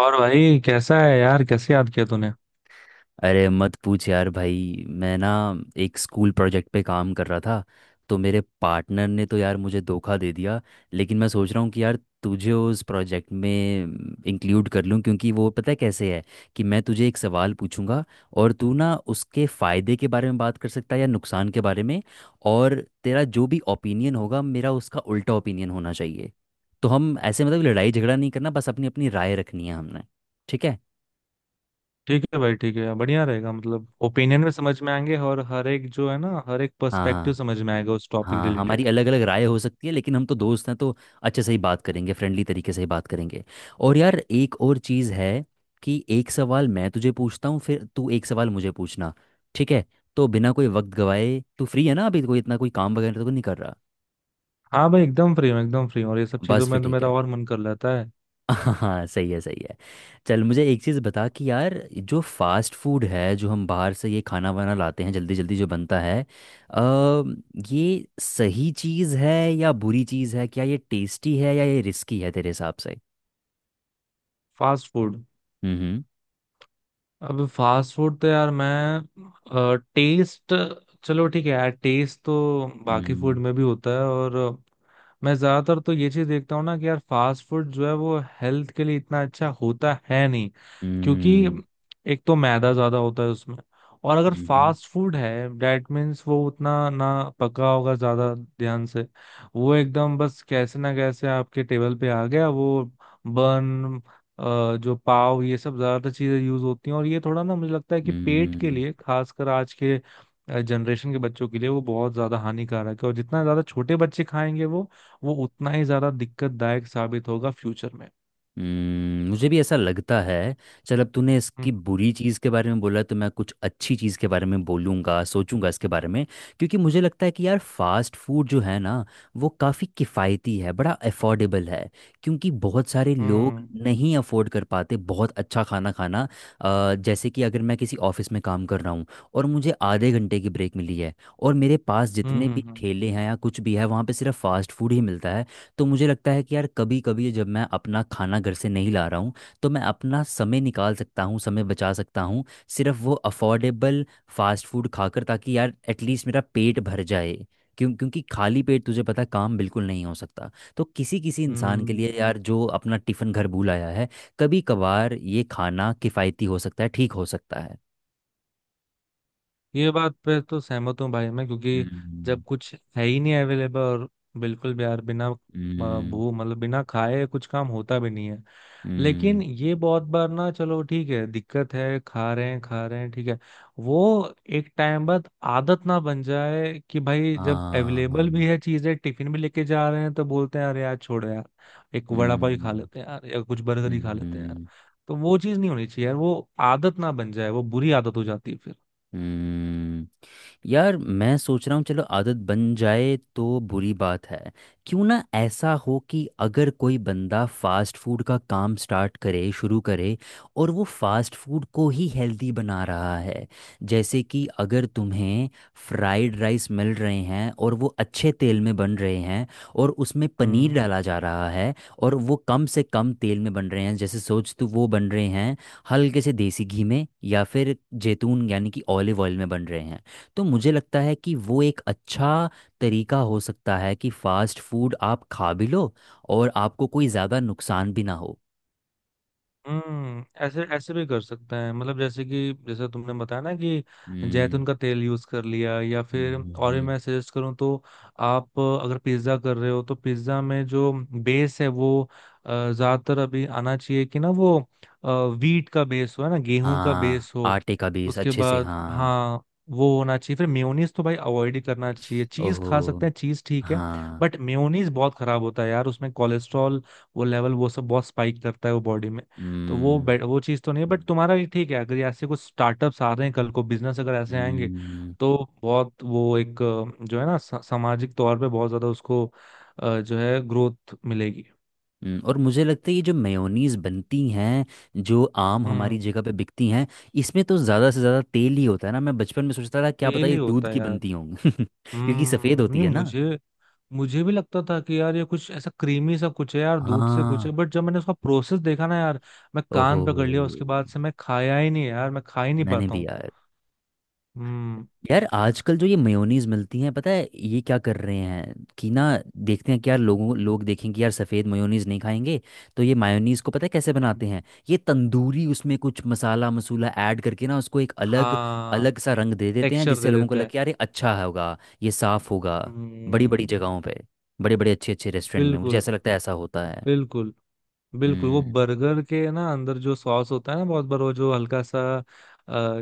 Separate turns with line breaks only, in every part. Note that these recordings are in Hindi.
और भाई कैसा है यार? कैसे याद किया तूने?
अरे मत पूछ यार भाई, मैं ना एक स्कूल प्रोजेक्ट पे काम कर रहा था। तो मेरे पार्टनर ने तो यार मुझे धोखा दे दिया। लेकिन मैं सोच रहा हूँ कि यार तुझे उस प्रोजेक्ट में इंक्लूड कर लूँ, क्योंकि वो पता है कैसे है कि मैं तुझे एक सवाल पूछूंगा और तू ना उसके फ़ायदे के बारे में बात कर सकता है या नुकसान के बारे में। और तेरा जो भी ओपिनियन होगा, मेरा उसका उल्टा ओपिनियन होना चाहिए। तो हम ऐसे मतलब लड़ाई झगड़ा नहीं करना, बस अपनी अपनी राय रखनी है हमने। ठीक है?
ठीक है भाई, ठीक है, बढ़िया रहेगा। मतलब ओपिनियन भी समझ में आएंगे और हर एक जो है ना, हर एक
हाँ
पर्सपेक्टिव
हाँ।
समझ में आएगा उस टॉपिक
हाँ, हमारी
रिलेटेड।
अलग अलग राय हो सकती है लेकिन हम तो दोस्त हैं, तो अच्छे से ही बात करेंगे, फ्रेंडली तरीके से ही बात करेंगे। और यार एक और चीज़ है कि एक सवाल मैं तुझे पूछता हूँ फिर तू एक सवाल मुझे पूछना। ठीक है? तो बिना कोई वक्त गवाए, तू फ्री है ना अभी? कोई इतना कोई काम वगैरह तो नहीं कर रहा?
हाँ भाई, एकदम फ्री हूँ, एकदम फ्री हूँ। और ये सब चीजों
बस फिर
में तो
ठीक
मेरा
है।
और मन कर लेता है।
हाँ, सही है सही है। चल मुझे एक चीज़ बता कि यार जो फास्ट फूड है, जो हम बाहर से ये खाना वाना लाते हैं, जल्दी जल्दी जो बनता है, अ, ये सही चीज़ है या बुरी चीज़ है? क्या ये टेस्टी है या ये रिस्की है तेरे हिसाब से?
Fast food.
हम्म।
अब फास्ट फूड तो यार मैं टेस्ट, चलो ठीक है यार, टेस्ट तो बाकी फूड
हम्म।
में भी होता है। और मैं ज्यादातर तो ये चीज देखता हूँ ना कि यार फास्ट फूड जो है वो हेल्थ के लिए इतना अच्छा होता है नहीं। क्योंकि
हम्म।
एक तो मैदा ज्यादा होता है उसमें। और अगर
हम्म।
फास्ट फूड है, डेट मीन्स वो उतना ना पका होगा ज्यादा ध्यान से। वो एकदम बस कैसे ना कैसे आपके टेबल पे आ गया। वो बन, जो पाव, ये सब ज्यादातर चीजें यूज होती हैं। और ये थोड़ा ना मुझे लगता है कि पेट
हम्म।
के
हम्म।
लिए, खासकर आज के जनरेशन के बच्चों के लिए वो बहुत ज्यादा हानिकारक है। और जितना ज्यादा छोटे बच्चे खाएंगे वो उतना ही ज्यादा दिक्कतदायक साबित होगा फ्यूचर में।
हम्म। मुझे भी ऐसा लगता है। चल, अब तूने इसकी
हम्म
बुरी चीज़ के बारे में बोला तो मैं कुछ अच्छी चीज़ के बारे में बोलूँगा, सोचूंगा इसके बारे में। क्योंकि मुझे लगता है कि यार फास्ट फूड जो है ना वो काफ़ी किफ़ायती है, बड़ा अफोर्डेबल है। क्योंकि बहुत सारे लोग
हम्म
नहीं अफोर्ड कर पाते बहुत अच्छा खाना खाना। जैसे कि अगर मैं किसी ऑफिस में काम कर रहा हूँ और मुझे आधे घंटे की ब्रेक मिली है, और मेरे पास
हम्म
जितने
हम्म
भी
हम्म,
ठेले हैं या कुछ भी है वहाँ पे सिर्फ फास्ट फूड ही मिलता है। तो मुझे लगता है कि यार कभी कभी जब मैं अपना खाना घर से नहीं ला रहा हूँ, तो मैं अपना समय निकाल सकता हूँ, समय बचा सकता हूँ, सिर्फ वो अफोर्डेबल फास्ट फूड खाकर, ताकि यार एटलीस्ट मेरा पेट भर जाए। क्यों? क्योंकि खाली पेट तुझे पता है, काम बिल्कुल नहीं हो सकता। तो किसी किसी इंसान के लिए
हम्म।
यार जो अपना टिफ़िन घर भूल आया है, कभी कभार ये खाना किफ़ायती हो सकता है, ठीक हो सकता है।
ये बात पे तो सहमत हूँ भाई मैं, क्योंकि
हम्म।
जब कुछ है ही नहीं अवेलेबल, और बिल्कुल भी यार बिना
हम्म।
भू, मतलब बिना खाए कुछ काम होता भी नहीं है। लेकिन
हम्म।
ये बहुत बार ना, चलो ठीक है दिक्कत है, खा रहे हैं ठीक है, वो एक टाइम बाद आदत ना बन जाए कि भाई जब
हाँ।
अवेलेबल भी है चीजें, टिफिन भी लेके जा रहे हैं तो बोलते हैं अरे यार छोड़ो यार, एक वड़ा पाव ही खा
हम्म।
लेते हैं यार, या कुछ बर्गर ही खा लेते हैं यार।
हम्म।
तो वो चीज नहीं होनी चाहिए यार, वो आदत ना बन जाए, वो बुरी आदत हो जाती है।
हम्म। यार मैं सोच रहा हूँ, चलो आदत बन जाए तो बुरी बात है, क्यों ना ऐसा हो कि अगर कोई बंदा फास्ट फूड का काम स्टार्ट करे, शुरू करे और वो फास्ट फूड को ही हेल्दी बना रहा है। जैसे कि अगर तुम्हें फ्राइड राइस मिल रहे हैं और वो अच्छे तेल में बन रहे हैं और उसमें पनीर
फिर।
डाला जा रहा है और वो कम से कम तेल में बन रहे हैं, जैसे सोच तू, वो बन रहे हैं हल्के से देसी घी में, या फिर जैतून यानी कि ऑलिव ऑयल में बन रहे हैं। तो मुझे लगता है कि वो एक अच्छा तरीका हो सकता है कि फास्ट फूड आप खा भी लो और आपको कोई ज़्यादा नुकसान भी ना हो।
हम्म, ऐसे ऐसे भी कर सकते हैं। मतलब जैसे कि जैसे तुमने बताया ना कि
हम्म।
जैतून का तेल यूज कर लिया, या फिर
हम्म।
और भी
हम्म।
मैं सजेस्ट करूँ तो, आप अगर पिज्ज़ा कर रहे हो तो पिज्ज़ा में जो बेस है वो ज्यादातर अभी आना चाहिए कि ना, वो वीट का बेस हो, है ना, गेहूं का
हाँ,
बेस हो।
आटे का बेस,
उसके
अच्छे से।
बाद
हाँ।
हाँ, वो होना चाहिए। फिर मेयोनीज तो भाई अवॉइड ही करना चाहिए। चीज
ओहो।
खा सकते हैं, चीज ठीक है,
हाँ।
बट मेयोनीज बहुत खराब होता है यार। उसमें कोलेस्ट्रॉल वो लेवल वो सब बहुत स्पाइक करता है वो बॉडी में। तो वो
हम्म।
वो चीज़ तो नहीं है। बट तुम्हारा ये ठीक है, अगर यहाँ से कुछ स्टार्टअप्स आ रहे हैं कल को, बिजनेस अगर ऐसे आएंगे
हम्म।
तो बहुत वो एक जो है ना सामाजिक तौर पे बहुत ज्यादा उसको जो है ग्रोथ मिलेगी।
हम्म। और मुझे लगता है ये जो मेयोनीज बनती हैं, जो आम हमारी
हम्म।
जगह पे बिकती हैं, इसमें तो ज़्यादा से ज़्यादा तेल ही होता है ना। मैं बचपन में सोचता था क्या पता
तेल ही
ये दूध
होता है
की
यार।
बनती होंगी क्योंकि सफ़ेद
हम्म,
होती
नहीं
है ना।
मुझे, मुझे भी लगता था कि यार ये कुछ ऐसा क्रीमी सा कुछ है यार, दूध से कुछ
हाँ।
है। बट जब मैंने उसका प्रोसेस देखा ना यार, मैं
ओहो।
कान पकड़ लिया। उसके बाद से मैं खाया ही नहीं यार, मैं खा ही नहीं
मैंने
पाता
भी
हूँ।
यार।
हम्म,
यार आजकल जो ये मेयोनीज मिलती हैं, पता है ये क्या कर रहे हैं कि ना, देखते हैं कि यार लोग देखेंगे यार सफ़ेद मेयोनीज नहीं खाएंगे, तो ये मायोनीज को पता है कैसे
हम्म,
बनाते हैं। ये तंदूरी उसमें कुछ मसाला मसूला ऐड करके ना उसको एक अलग
हाँ,
अलग सा रंग दे देते हैं,
टेक्सचर
जिससे
दे
लोगों को
देते हैं।
लगे यार ये अच्छा होगा, ये साफ होगा। बड़ी
हम्म।
बड़ी जगहों पे, बड़े बड़े अच्छे अच्छे रेस्टोरेंट में, मुझे
बिल्कुल,
ऐसा लगता है ऐसा होता है।
बिल्कुल, बिल्कुल। वो
हम्म।
बर्गर के ना अंदर जो सॉस होता है ना, बहुत बार वो जो हल्का सा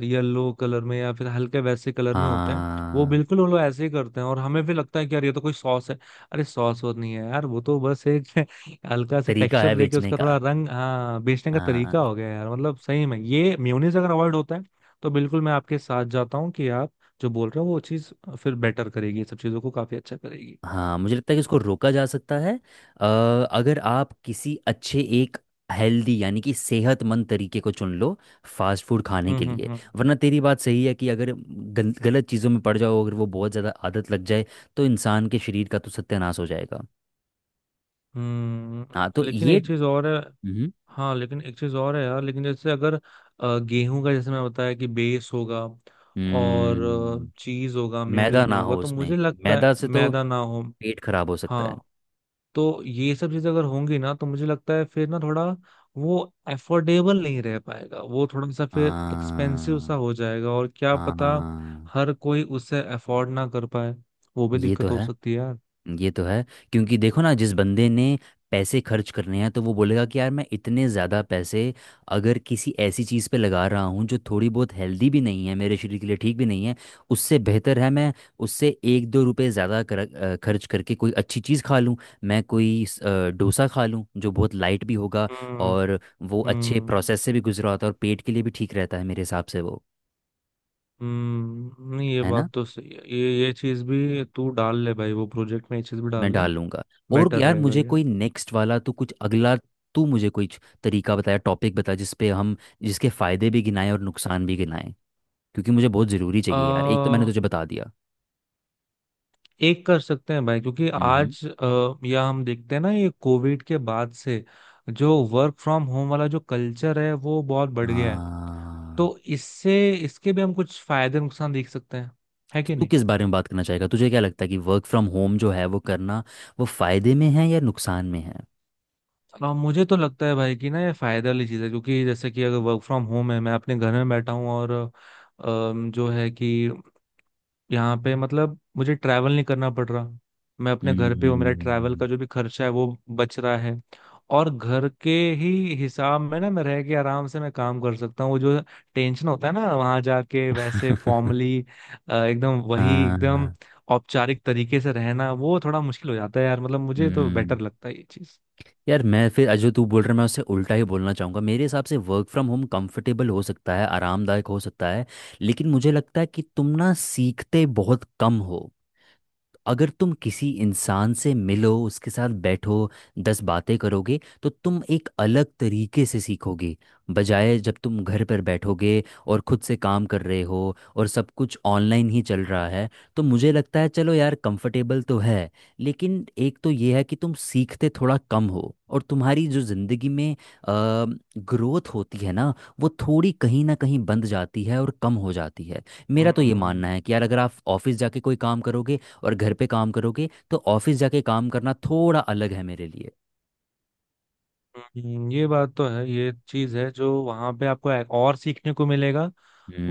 येलो कलर में या फिर हल्के वैसे कलर में होते हैं, वो
हाँ,
बिल्कुल वो लोग ऐसे ही करते हैं। और हमें भी लगता है कि यार ये तो कोई सॉस है। अरे सॉस वो नहीं है यार, वो तो बस एक हल्का सा
तरीका
टेक्सचर
है
देके
बेचने
उसका
का।
थोड़ा रंग, हाँ, बेचने का तरीका
हाँ।
हो गया यार। मतलब सही में ये मेयोनीज अगर अवॉइड होता है तो बिल्कुल मैं आपके साथ जाता हूँ कि आप जो बोल रहे हो वो चीज़ फिर बेटर करेगी, ये सब चीज़ों को काफी अच्छा करेगी।
हाँ, मुझे लगता है कि इसको रोका जा सकता है। अ, अगर आप किसी अच्छे एक हेल्दी यानी कि सेहतमंद तरीके को चुन लो फास्ट फूड खाने के लिए।
हम्म।
वरना तेरी बात सही है कि अगर गलत चीज़ों में पड़ जाओ, अगर वो बहुत ज़्यादा आदत लग जाए, तो इंसान के शरीर का तो सत्यानाश हो जाएगा।
हम्म,
हाँ तो
लेकिन
ये।
एक चीज और है।
हम्म।
हाँ, लेकिन एक चीज और है यार। लेकिन जैसे अगर गेहूं का, जैसे मैं बताया कि बेस होगा और
हम्म।
चीज होगा,
मैदा
मेयोनीज नहीं
ना
होगा,
हो
तो
उसमें,
मुझे लगता है
मैदा से तो
मैदा ना हो।
पेट खराब हो सकता है।
हाँ, तो ये सब चीजें अगर होंगी ना, तो मुझे लगता है फिर ना थोड़ा, वो एफोर्डेबल नहीं रह पाएगा, वो थोड़ा सा फिर एक्सपेंसिव
हाँ।
सा हो जाएगा। और क्या पता
हाँ।
हर कोई उसे अफोर्ड ना कर पाए, वो भी
ये तो
दिक्कत हो
है।
सकती है यार।
ये तो है। क्योंकि देखो ना, जिस बंदे ने पैसे खर्च करने हैं, तो वो बोलेगा कि यार मैं इतने ज़्यादा पैसे अगर किसी ऐसी चीज़ पे लगा रहा हूँ जो थोड़ी बहुत हेल्दी भी नहीं है, मेरे शरीर के लिए ठीक भी नहीं है, उससे बेहतर है मैं उससे एक दो रुपए ज़्यादा खर्च करके कोई अच्छी चीज़ खा लूँ। मैं कोई डोसा खा लूँ, जो बहुत लाइट भी होगा
हम्म
और वो अच्छे
हम्म।
प्रोसेस से भी गुजरा होता है और पेट के लिए भी ठीक रहता है मेरे हिसाब से वो।
हम्म, नहीं ये
है ना?
बात तो सही है। ये चीज भी तू डाल ले भाई वो प्रोजेक्ट में, ये चीज भी
मैं
डाल ले,
डालूंगा। और
बेटर
यार,
रहेगा
मुझे
ये।
कोई नेक्स्ट वाला तो कुछ अगला, तू मुझे कोई तरीका बताया, टॉपिक बता जिस पे हम, जिसके फायदे भी गिनाएं और नुकसान भी गिनाएं, क्योंकि मुझे बहुत ज़रूरी चाहिए यार, एक तो मैंने
आ,
तुझे बता दिया।
एक कर सकते हैं भाई, क्योंकि
हम्म।
आज या हम देखते हैं ना ये कोविड के बाद से जो वर्क फ्रॉम होम वाला जो कल्चर है वो बहुत बढ़ गया है।
हाँ।
तो इससे, इसके भी हम कुछ फायदे नुकसान देख सकते हैं, है
तो
कि
तू
नहीं?
किस बारे में बात करना चाहेगा? तुझे क्या लगता है कि वर्क फ्रॉम होम जो है वो करना, वो फायदे में है या नुकसान में है?
मुझे तो लगता है भाई कि ना ये फायदे वाली चीज है। क्योंकि जैसे कि अगर वर्क फ्रॉम होम है, मैं अपने घर में बैठा हूँ और जो है कि यहाँ पे, मतलब मुझे ट्रैवल नहीं करना पड़ रहा, मैं अपने घर पे हूँ,
हम्म।
मेरा ट्रैवल का जो भी खर्चा है वो बच रहा है। और घर के ही हिसाब में ना, मैं रह के आराम से मैं काम कर सकता हूँ। वो जो टेंशन होता है ना वहां जाके, वैसे फॉर्मली एकदम, वही एकदम
हाँ।
औपचारिक तरीके से रहना, वो थोड़ा मुश्किल हो जाता है यार। मतलब मुझे तो
हम्म।
बेटर लगता है ये चीज।
यार, मैं फिर जो तू बोल रहा है मैं उससे उल्टा ही बोलना चाहूँगा। मेरे हिसाब से वर्क फ्रॉम होम कंफर्टेबल हो सकता है, आरामदायक हो सकता है, लेकिन मुझे लगता है कि तुम ना सीखते बहुत कम हो। अगर तुम किसी इंसान से मिलो, उसके साथ बैठो, 10 बातें करोगे, तो तुम एक अलग तरीके से सीखोगे, बजाय जब तुम घर पर बैठोगे और खुद से काम कर रहे हो और सब कुछ ऑनलाइन ही चल रहा है। तो मुझे लगता है चलो यार कंफर्टेबल तो है, लेकिन एक तो ये है कि तुम सीखते थोड़ा कम हो और तुम्हारी जो ज़िंदगी में ग्रोथ होती है ना वो थोड़ी कहीं ना कहीं बंद जाती है और कम हो जाती है। मेरा तो ये मानना
हम्म,
है कि यार अगर आप ऑफिस जाके कोई काम करोगे और घर पे काम करोगे, तो ऑफिस जाके काम करना थोड़ा अलग है मेरे लिए।
ये बात तो है, ये चीज है जो वहां पे आपको और सीखने को मिलेगा,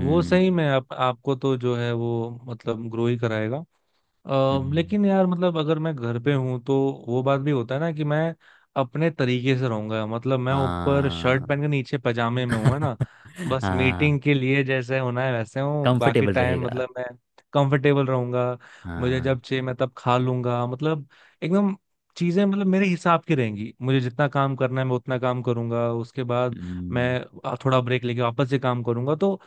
वो सही में आप, आपको तो जो है वो मतलब ग्रो ही कराएगा।
हम्म।
लेकिन यार मतलब अगर मैं घर पे हूं तो वो बात भी होता है ना, कि मैं अपने तरीके से रहूंगा। मतलब मैं ऊपर शर्ट
हाँ।
पहन के नीचे पजामे में हूं, है ना। बस
हाँ।
मीटिंग के लिए जैसे होना है वैसे हूँ, बाकी
कंफर्टेबल
टाइम
रहेगा।
मतलब मैं कंफर्टेबल रहूंगा। मुझे
हाँ।
जब चाहिए मैं तब खा लूंगा, मतलब एकदम चीजें मतलब मेरे हिसाब की रहेंगी। मुझे जितना काम करना है मैं उतना काम करूंगा, उसके बाद
हम्म।
मैं थोड़ा ब्रेक लेके वापस से काम करूंगा। तो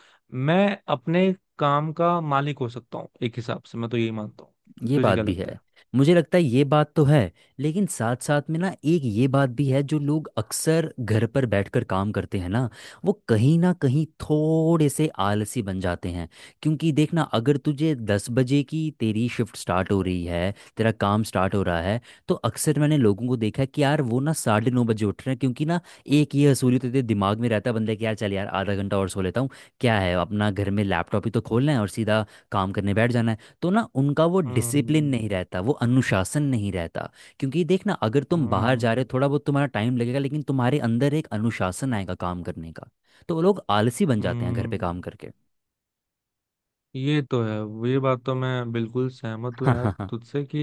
मैं अपने काम का मालिक हो सकता हूँ एक हिसाब से, मैं तो यही मानता हूँ।
ये
तुझे
बात
क्या
भी
लगता
है।
है?
मुझे लगता है ये बात तो है, लेकिन साथ साथ में ना एक ये बात भी है, जो लोग अक्सर घर पर बैठकर काम करते हैं ना वो कहीं ना कहीं थोड़े से आलसी बन जाते हैं। क्योंकि देखना, अगर तुझे 10 बजे की तेरी शिफ्ट स्टार्ट हो रही है, तेरा काम स्टार्ट हो रहा है, तो अक्सर मैंने लोगों को देखा है कि यार वो ना 9:30 बजे उठ रहे हैं, क्योंकि ना एक ये हसूली तो तेरे दिमाग में रहता है बंदे, कि यार चल यार आधा घंटा और सो लेता हूँ, क्या है अपना घर में लैपटॉप ही तो खोलना है और सीधा काम करने बैठ जाना है। तो ना उनका वो डिसिप्लिन
हम्म
नहीं रहता, वो अनुशासन नहीं रहता। क्योंकि देख ना, अगर तुम बाहर जा रहे
हम्म
हो थोड़ा बहुत तुम्हारा टाइम लगेगा, लेकिन तुम्हारे अंदर एक अनुशासन आएगा काम करने का। तो वो लोग आलसी बन जाते हैं घर पे काम
हम्म।
करके।
ये तो है, ये बात तो मैं बिल्कुल सहमत हूँ यार
हाँ हाँ।
तुझसे कि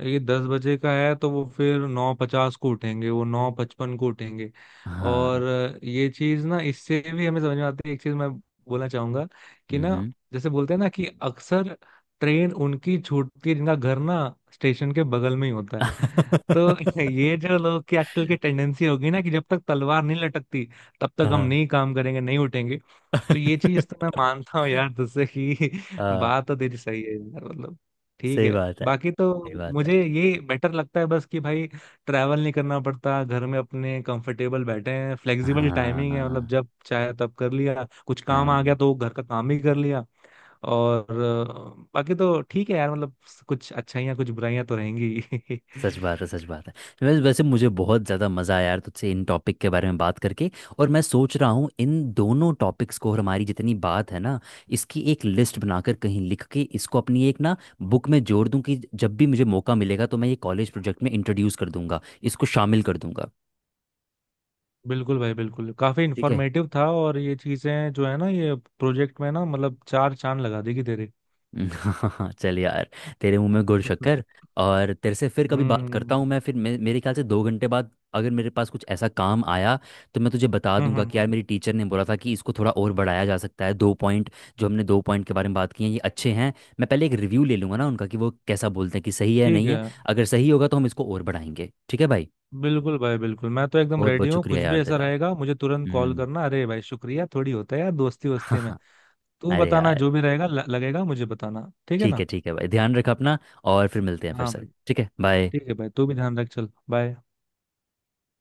ये 10 बजे का है तो वो फिर 9:50 को उठेंगे, वो 9:55 को उठेंगे।
हाँ
और
हाँ।
ये चीज ना, इससे भी हमें समझ में आती है एक चीज, मैं बोलना चाहूंगा कि ना,
हम्म।
जैसे बोलते हैं ना कि अक्सर ट्रेन उनकी छूटती है जिनका घर ना स्टेशन के बगल में ही होता है। तो ये जो लोग की आजकल की टेंडेंसी होगी ना कि जब तक तलवार नहीं लटकती तब तक हम
हाँ।
नहीं काम करेंगे, नहीं उठेंगे। तो ये चीज तो मैं मानता हूँ यार तुझसे कि
हाँ,
बात तो तेरी सही है यार मतलब, ठीक
सही
है।
बात है
बाकी तो
सही बात है।
मुझे ये बेटर लगता है बस कि भाई ट्रैवल नहीं करना पड़ता, घर में अपने कंफर्टेबल बैठे हैं, फ्लेक्सिबल टाइमिंग है, मतलब
हाँ
जब चाहे तब कर लिया, कुछ काम आ गया
हाँ।
तो घर का काम भी कर लिया। और बाकी तो ठीक है यार, मतलब कुछ अच्छाइयाँ कुछ बुराइयां तो रहेंगी।
सच बात है सच बात है। वैसे वैसे मुझे बहुत ज़्यादा मज़ा आया यार तुझसे इन टॉपिक के बारे में बात करके, और मैं सोच रहा हूँ इन दोनों टॉपिक्स को और हमारी जितनी बात है ना इसकी एक लिस्ट बनाकर कहीं लिख के इसको अपनी एक ना बुक में जोड़ दूँ, कि जब भी मुझे मौका मिलेगा तो मैं ये कॉलेज प्रोजेक्ट में इंट्रोड्यूस कर दूंगा, इसको शामिल कर दूंगा।
बिल्कुल भाई, बिल्कुल, काफी
ठीक है।
इंफॉर्मेटिव था। और ये चीजें जो है ना, ये प्रोजेक्ट में ना मतलब चार चांद लगा देगी तेरे।
चल यार, तेरे मुंह में गुड़ शक्कर। और तेरे से फिर कभी बात करता
हम्म
हूँ मैं, फिर मेरे ख्याल से 2 घंटे बाद, अगर मेरे पास कुछ ऐसा काम आया तो मैं तुझे बता
हम्म
दूंगा
हम्म
कि यार
हम्म,
मेरी टीचर ने बोला था कि इसको थोड़ा और बढ़ाया जा सकता है, दो पॉइंट। जो हमने दो पॉइंट के बारे में बात की है ये अच्छे हैं। मैं पहले एक रिव्यू ले लूंगा ना उनका कि वो कैसा बोलते हैं कि सही है,
ठीक
नहीं है।
है।
अगर सही होगा तो हम इसको और बढ़ाएंगे। ठीक है भाई?
बिल्कुल भाई, बिल्कुल, मैं तो एकदम
बहुत
रेडी
बहुत
हूँ।
शुक्रिया
कुछ भी
यार
ऐसा
तेरा।
रहेगा मुझे तुरंत कॉल
हम्म।
करना, अरे भाई शुक्रिया थोड़ी होता है यार दोस्ती वोस्ती में। तू
अरे
बताना
यार,
जो भी रहेगा, लगेगा मुझे बताना, ठीक है ना।
ठीक है भाई, ध्यान रखा अपना, और फिर मिलते हैं फिर
हाँ
से।
भाई,
ठीक है, बाय।
ठीक है भाई, तू भी ध्यान रख, चल बाय।